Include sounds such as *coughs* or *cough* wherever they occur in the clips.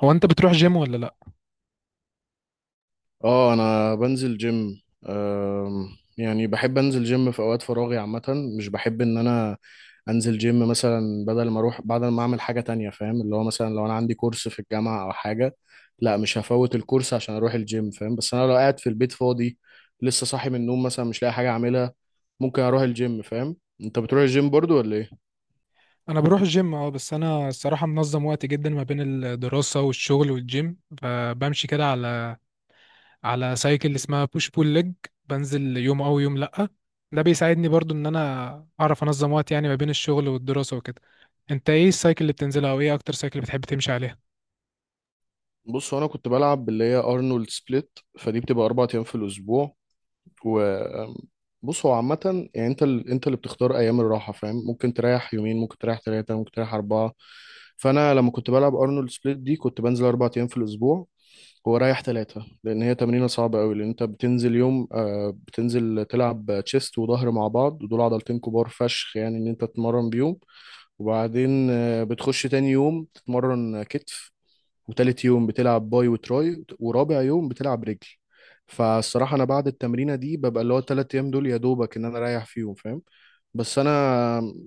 هو انت بتروح جيم ولا لا؟ اه، انا بنزل جيم. أم، يعني بحب انزل جيم في اوقات فراغي عامة. مش بحب ان انا انزل جيم مثلا، بدل ما اروح، بدل ما اعمل حاجة تانية. فاهم؟ اللي هو مثلا لو انا عندي كورس في الجامعة او حاجة، لا، مش هفوت الكورس عشان اروح الجيم، فاهم؟ بس انا لو قاعد في البيت فاضي، لسه صاحي من النوم مثلا، مش لاقي حاجة اعملها، ممكن اروح الجيم. فاهم؟ انت بتروح الجيم برضو ولا ايه؟ انا بروح الجيم، اه. بس انا الصراحه منظم وقتي جدا ما بين الدراسه والشغل والجيم، فبمشي كده على سايكل اسمها بوش بول ليج. بنزل يوم او يوم لا. ده بيساعدني برضو ان انا اعرف انظم وقت، يعني ما بين الشغل والدراسة وكده. انت ايه السايكل اللي بتنزلها او ايه اكتر سايكل بتحب تمشي عليها؟ بص، هو انا كنت بلعب اللي هي ارنولد سبليت، فدي بتبقى اربع ايام في الاسبوع. وبص، هو عامة يعني انت اللي بتختار ايام الراحة، فاهم؟ ممكن تريح يومين، ممكن تريح ثلاثة، ممكن تريح أربعة. فانا لما كنت بلعب ارنولد سبليت دي، كنت بنزل اربع ايام في الاسبوع ورايح ثلاثة، لان هي تمرينة صعبة قوي، لان انت بتنزل يوم بتنزل تلعب تشيست وظهر مع بعض، ودول عضلتين كبار فشخ يعني ان انت تتمرن بيهم. وبعدين بتخش تاني يوم تتمرن كتف، وتالت يوم بتلعب باي وتراي، ورابع يوم بتلعب رجل. فالصراحة أنا بعد التمرينة دي، ببقى اللي هو التلات أيام دول يا دوبك إن أنا أريح فيهم، فاهم؟ بس أنا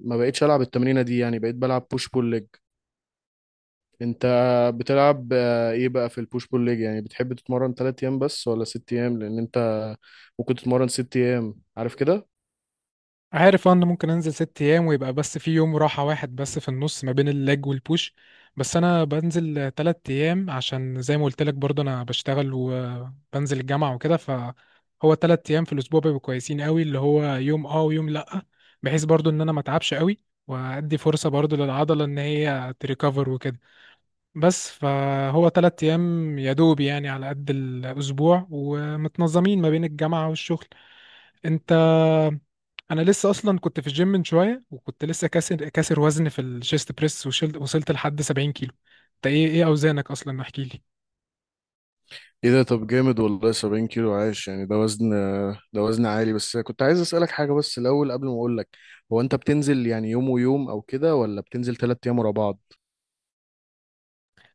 ما بقيتش ألعب التمرينة دي، يعني بقيت بلعب بوش بول ليج. أنت بتلعب إيه بقى في البوش بول ليج؟ يعني بتحب تتمرن تلات أيام بس ولا ست أيام؟ لأن أنت ممكن تتمرن ست أيام، عارف كده؟ عارف ان ممكن انزل ست ايام ويبقى بس في يوم راحة واحد بس في النص ما بين اللاج والبوش. بس انا بنزل تلات ايام عشان زي ما قلت لك برضه انا بشتغل وبنزل الجامعة وكده، فهو تلات ايام في الاسبوع بيبقوا كويسين قوي، اللي هو يوم اه ويوم لا، بحيث برضه ان انا ما اتعبش قوي، وادي فرصة برضه للعضلة ان هي تريكفر وكده. بس فهو تلات ايام يا دوب يعني على قد الاسبوع ومتنظمين ما بين الجامعة والشغل. انت، انا لسه اصلا كنت في الجيم من شويه وكنت لسه كاسر وزن في الشيست بريس وشلت، وصلت لحد 70 كيلو. انت ايه ايه اوزانك اصلا، احكي لي. ايه ده، طب جامد والله! 70 كيلو؟ عايش يعني، ده وزن، ده وزن عالي. بس كنت عايز اسألك حاجة، بس الأول قبل ما اقول لك، هو انت بتنزل يعني يوم ويوم او كده، ولا بتنزل تلات ايام ورا بعض؟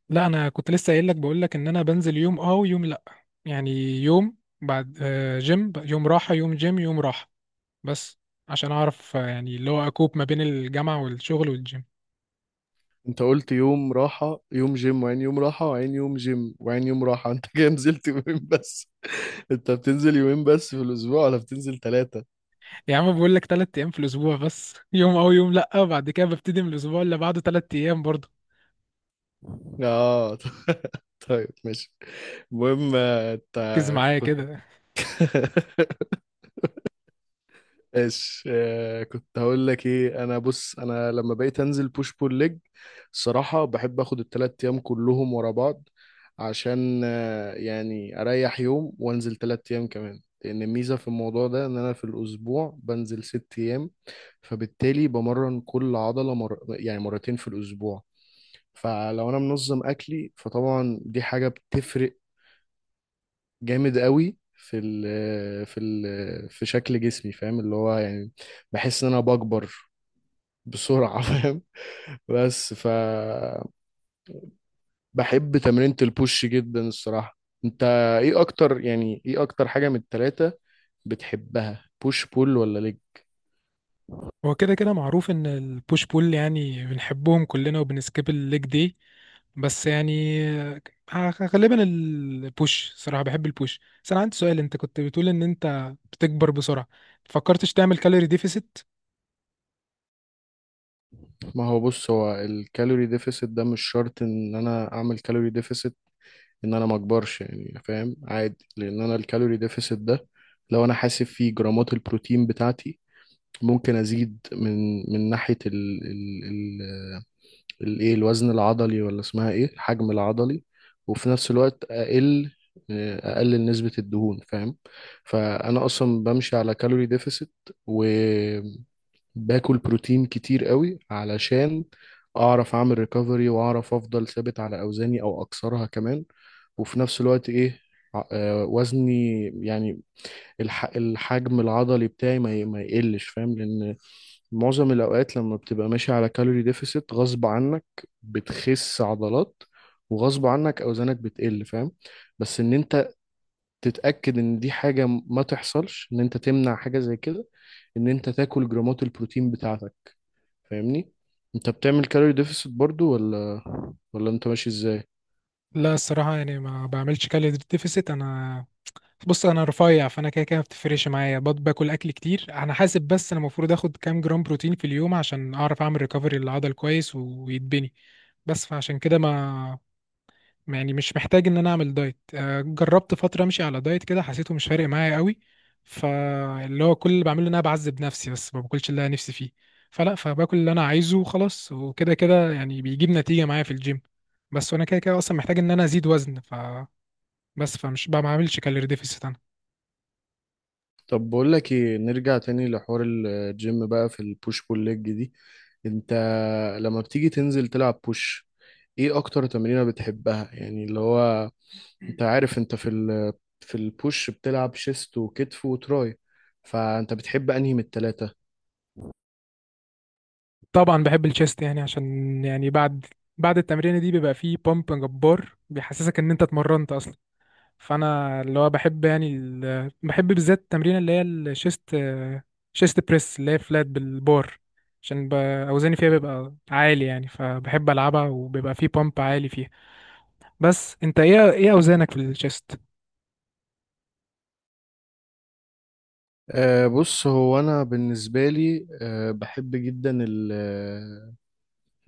لا، انا كنت لسه قايل لك، بقول لك ان انا بنزل يوم اه ويوم لا، يعني يوم بعد آه، جيم يوم راحه يوم جيم يوم راحه، بس عشان اعرف، يعني اللي هو اكوب ما بين الجامعه والشغل والجيم. انت قلت يوم راحة، يوم جيم، وعين يوم راحة، وعين يوم جيم، وعين يوم راحة. *laughs* انت كده نزلت يومين بس! *laughs* انت بتنزل يومين بس في الاسبوع ولا بتنزل ثلاثة؟ يا عم بقول لك ثلاث ايام في الاسبوع بس، *laughs* يوم اه ويوم لا، بعد كده ببتدي من الاسبوع اللي بعده ثلاث ايام برضه. اه. *laughs* طيب ماشي. المهم انت ركز معايا كنت، كده. *laughs* ايش آه كنت هقول لك ايه. انا بص، انا لما بقيت انزل بوش بول ليج، الصراحه بحب اخد التلات ايام كلهم ورا بعض، عشان يعني اريح يوم وانزل تلات ايام كمان. لان الميزه في الموضوع ده ان انا في الاسبوع بنزل ست ايام، فبالتالي بمرن كل عضله يعني مرتين في الاسبوع. فلو انا منظم اكلي، فطبعا دي حاجه بتفرق جامد قوي في ال في ال في شكل جسمي، فاهم؟ اللي هو يعني بحس ان انا بكبر بسرعة. *laughs* فاهم؟ بس ف بحب تمرينة البوش جدا الصراحة. انت ايه اكتر، يعني ايه اكتر حاجة من التلاتة بتحبها؟ بوش، بول، ولا ليج؟ هو كده كده معروف ان البوش بول يعني بنحبهم كلنا وبنسكيب الليج دي. بس يعني غالبا البوش، صراحة بحب البوش. بس انا عندي سؤال، انت كنت بتقول ان انت بتكبر بسرعة، فكرتش تعمل كالوري ديفيسيت؟ ما هو بص، هو الكالوري ديفيسيت ده مش شرط ان انا اعمل كالوري ديفيسيت ان انا ما اكبرش، يعني فاهم؟ عادي، لان انا الكالوري ديفيسيت ده، لو انا حاسب فيه جرامات البروتين بتاعتي، ممكن ازيد من ناحيه ال الايه، الوزن العضلي، ولا اسمها ايه، الحجم العضلي. وفي نفس الوقت اقلل نسبه الدهون، فاهم؟ فانا اصلا بمشي على كالوري ديفيسيت، وباكل بروتين كتير قوي، علشان اعرف اعمل ريكفري، واعرف افضل ثابت على اوزاني او اكسرها كمان. وفي نفس الوقت ايه، وزني يعني، الحجم العضلي بتاعي ما يقلش، فاهم؟ لان معظم الأوقات لما بتبقى ماشي على كالوري ديفيسيت، غصب عنك بتخس عضلات، وغصب عنك أوزانك بتقل، فاهم؟ بس إن أنت تتأكد إن دي حاجة ما تحصلش، إن أنت تمنع حاجة زي كده، إن أنت تاكل جرامات البروتين بتاعتك، فاهمني؟ أنت بتعمل كالوري ديفيسيت برضو ولا أنت ماشي إزاي؟ لا الصراحة يعني ما بعملش كالوري ديفيسيت انا. بص انا رفيع، فانا كده كده ما بتفرقش معايا. باكل اكل كتير، انا حاسب بس انا المفروض اخد كام جرام بروتين في اليوم عشان اعرف اعمل ريكفري للعضل كويس ويتبني. بس فعشان كده ما يعني مش محتاج ان انا اعمل دايت. جربت فتره امشي على دايت كده، حسيته مش فارق معايا قوي. فاللي هو كل اللي بعمله ان انا بعذب نفسي بس، ما باكلش اللي انا نفسي فيه. فلا، فباكل اللي انا عايزه وخلاص، وكده كده يعني بيجيب نتيجه معايا في الجيم. بس وانا كده كده اصلا محتاج ان انا ازيد وزن، ف بس فمش بقى ما بعملش كالوري ديفيسيت انا. طب بقول لك ايه، نرجع تاني لحوار الجيم بقى. في البوش بول ليج دي، انت لما بتيجي تنزل تلعب بوش، ايه اكتر تمرينة بتحبها؟ يعني اللي هو، انت عارف انت في ال في البوش بتلعب شيست وكتف وتراي، فانت بتحب انهي من التلاتة؟ طبعا بحب الشيست، يعني عشان يعني بعد التمرينه دي بيبقى فيه بامب جبار بيحسسك ان انت اتمرنت اصلا. فانا اللي هو بحب يعني بحب بالذات التمرين اللي هي الشيست، شيست بريس اللي هي فلات بالبار، عشان اوزاني فيها بيبقى عالي، يعني فبحب العبها وبيبقى فيه بامب عالي فيها. بس انت ايه ايه اوزانك في الشيست؟ أه بص، هو انا بالنسبة لي، أه بحب جدا ال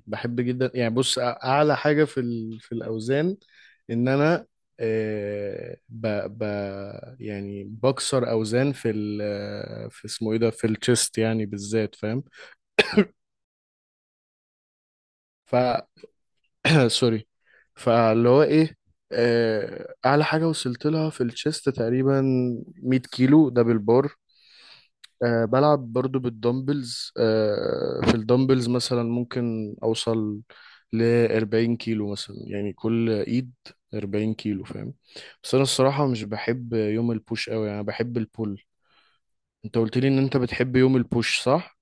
بحب جدا، يعني بص، اعلى حاجة في ال في الاوزان، ان انا آه، ب ب يعني بكسر اوزان في ال آه، في اسمه ايه ده، في الشيست يعني بالذات، فاهم؟ ف *coughs* *clears throat* سوري. فاللي هو ايه آه، اعلى حاجه وصلت لها في الشيست تقريبا 100 كيلو، ده بالبار. أه بلعب برضو بالدمبلز، أه في الدمبلز مثلا ممكن أوصل ل 40 كيلو مثلا، يعني كل إيد 40 كيلو، فاهم؟ بس أنا الصراحة مش بحب يوم البوش أوي، يعني بحب البول. أنت قلت لي إن أنت بتحب يوم البوش، صح؟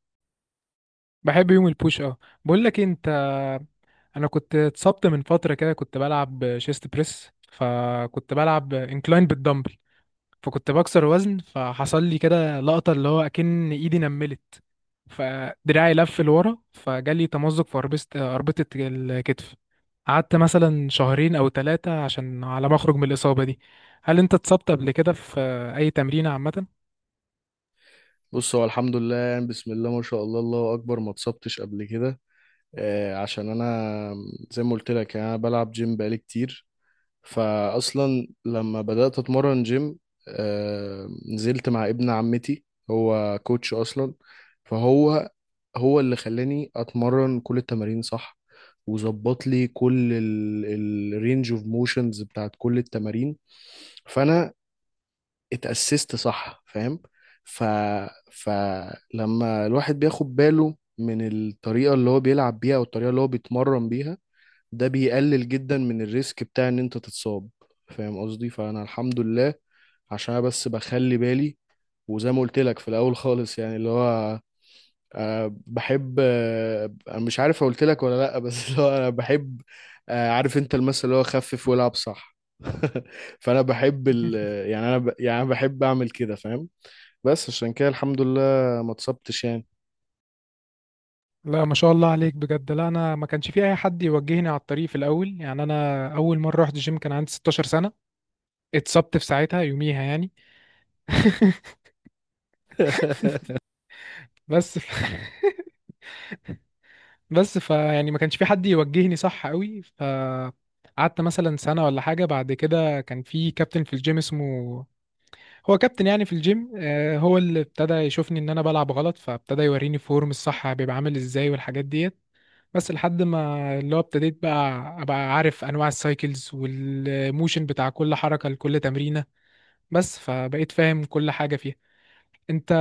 بحب يوم البوش اه. بقول لك إيه، انت، انا كنت اتصبت من فتره كده، كنت بلعب شيست بريس، فكنت بلعب انكلاين بالدمبل، فكنت بكسر وزن فحصل لي كده لقطة اللي هو أكن إيدي نملت فدراعي لف لورا، فجالي تمزق في أربطة، أربطة الكتف. قعدت مثلا شهرين أو ثلاثة عشان على ما أخرج من الإصابة دي. هل أنت اتصبت قبل كده في أي تمرينة عامة؟ بص، هو الحمد لله يعني، بسم الله ما شاء الله، الله أكبر، ما اتصبتش قبل كده. أه عشان أنا زي ما قلت لك، يعني أنا بلعب جيم بقالي كتير. فاصلا لما بدات اتمرن جيم، آه، نزلت مع ابن عمتي، هو كوتش اصلا. فهو هو اللي خلاني اتمرن كل التمارين صح، وظبط لي كل الرينج اوف موشنز بتاعت كل التمارين. فانا اتأسست صح، فاهم؟ ف فلما الواحد بياخد باله من الطريقة اللي هو بيلعب بيها، والطريقة اللي هو بيتمرن بيها، ده بيقلل جدا من الريسك بتاع ان انت تتصاب، فاهم قصدي؟ فانا الحمد لله، عشان أنا بس بخلي بالي. وزي ما قلت لك في الاول خالص، يعني اللي هو، أه بحب انا مش عارف قلت لك ولا لا، *laughs* بس اللي هو انا بحب، أه عارف انت المثل اللي هو خفف والعب، صح؟ *laughs* فانا بحب ال، *laughs* يعني انا بحب اعمل كده، فاهم؟ بس عشان كده الحمد لله ما اتصبتش يعني. لا ما شاء الله عليك بجد. لا انا ما كانش في اي حد يوجهني على الطريق في الاول، يعني انا اول مره رحت جيم كان عندي 16 سنه، اتصبت في ساعتها يوميها يعني. بس ف... *laughs* بس فيعني ما كانش في حد يوجهني صح قوي، فقعدت مثلا سنة ولا حاجة، بعد كده كان في كابتن في الجيم اسمه، هو كابتن يعني في الجيم، هو اللي ابتدى يشوفني ان انا بلعب غلط، فابتدى يوريني فورم الصح بيبقى عامل ازاي والحاجات ديت. بس لحد ما اللي هو ابتديت بقى ابقى عارف انواع السايكلز والموشن بتاع كل حركة لكل تمرينة. بس فبقيت فاهم كل حاجة فيها. انت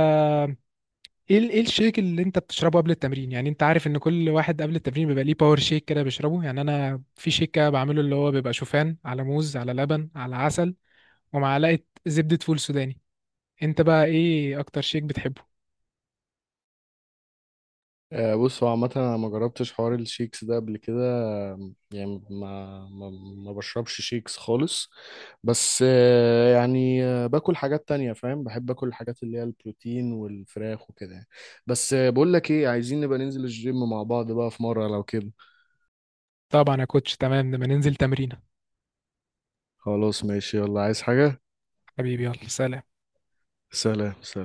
ايه الشيك اللي انت بتشربه قبل التمرين؟ يعني انت عارف ان كل واحد قبل التمرين بيبقى ليه باور شيك كده بيشربه. يعني انا في شيك كده بعمله اللي هو بيبقى شوفان على موز على لبن على عسل ومعلقه زبده فول سوداني. انت بقى ايه اكتر شيك بتحبه؟ بص، هو عامة أنا ما جربتش حوار الشيكس ده قبل كده. آم، يعني ما ما ما بشربش شيكس خالص. بس باكل حاجات تانية، فاهم؟ بحب أكل الحاجات اللي هي البروتين والفراخ وكده يعني. بس بقول لك إيه، عايزين نبقى ننزل الجيم مع بعض بقى في مرة، لو كده. طبعا يا كوتش، تمام، لما ننزل تمرينه. خلاص ماشي، يلا، عايز حاجة؟ حبيبي يلا سلام. سلام، سلام.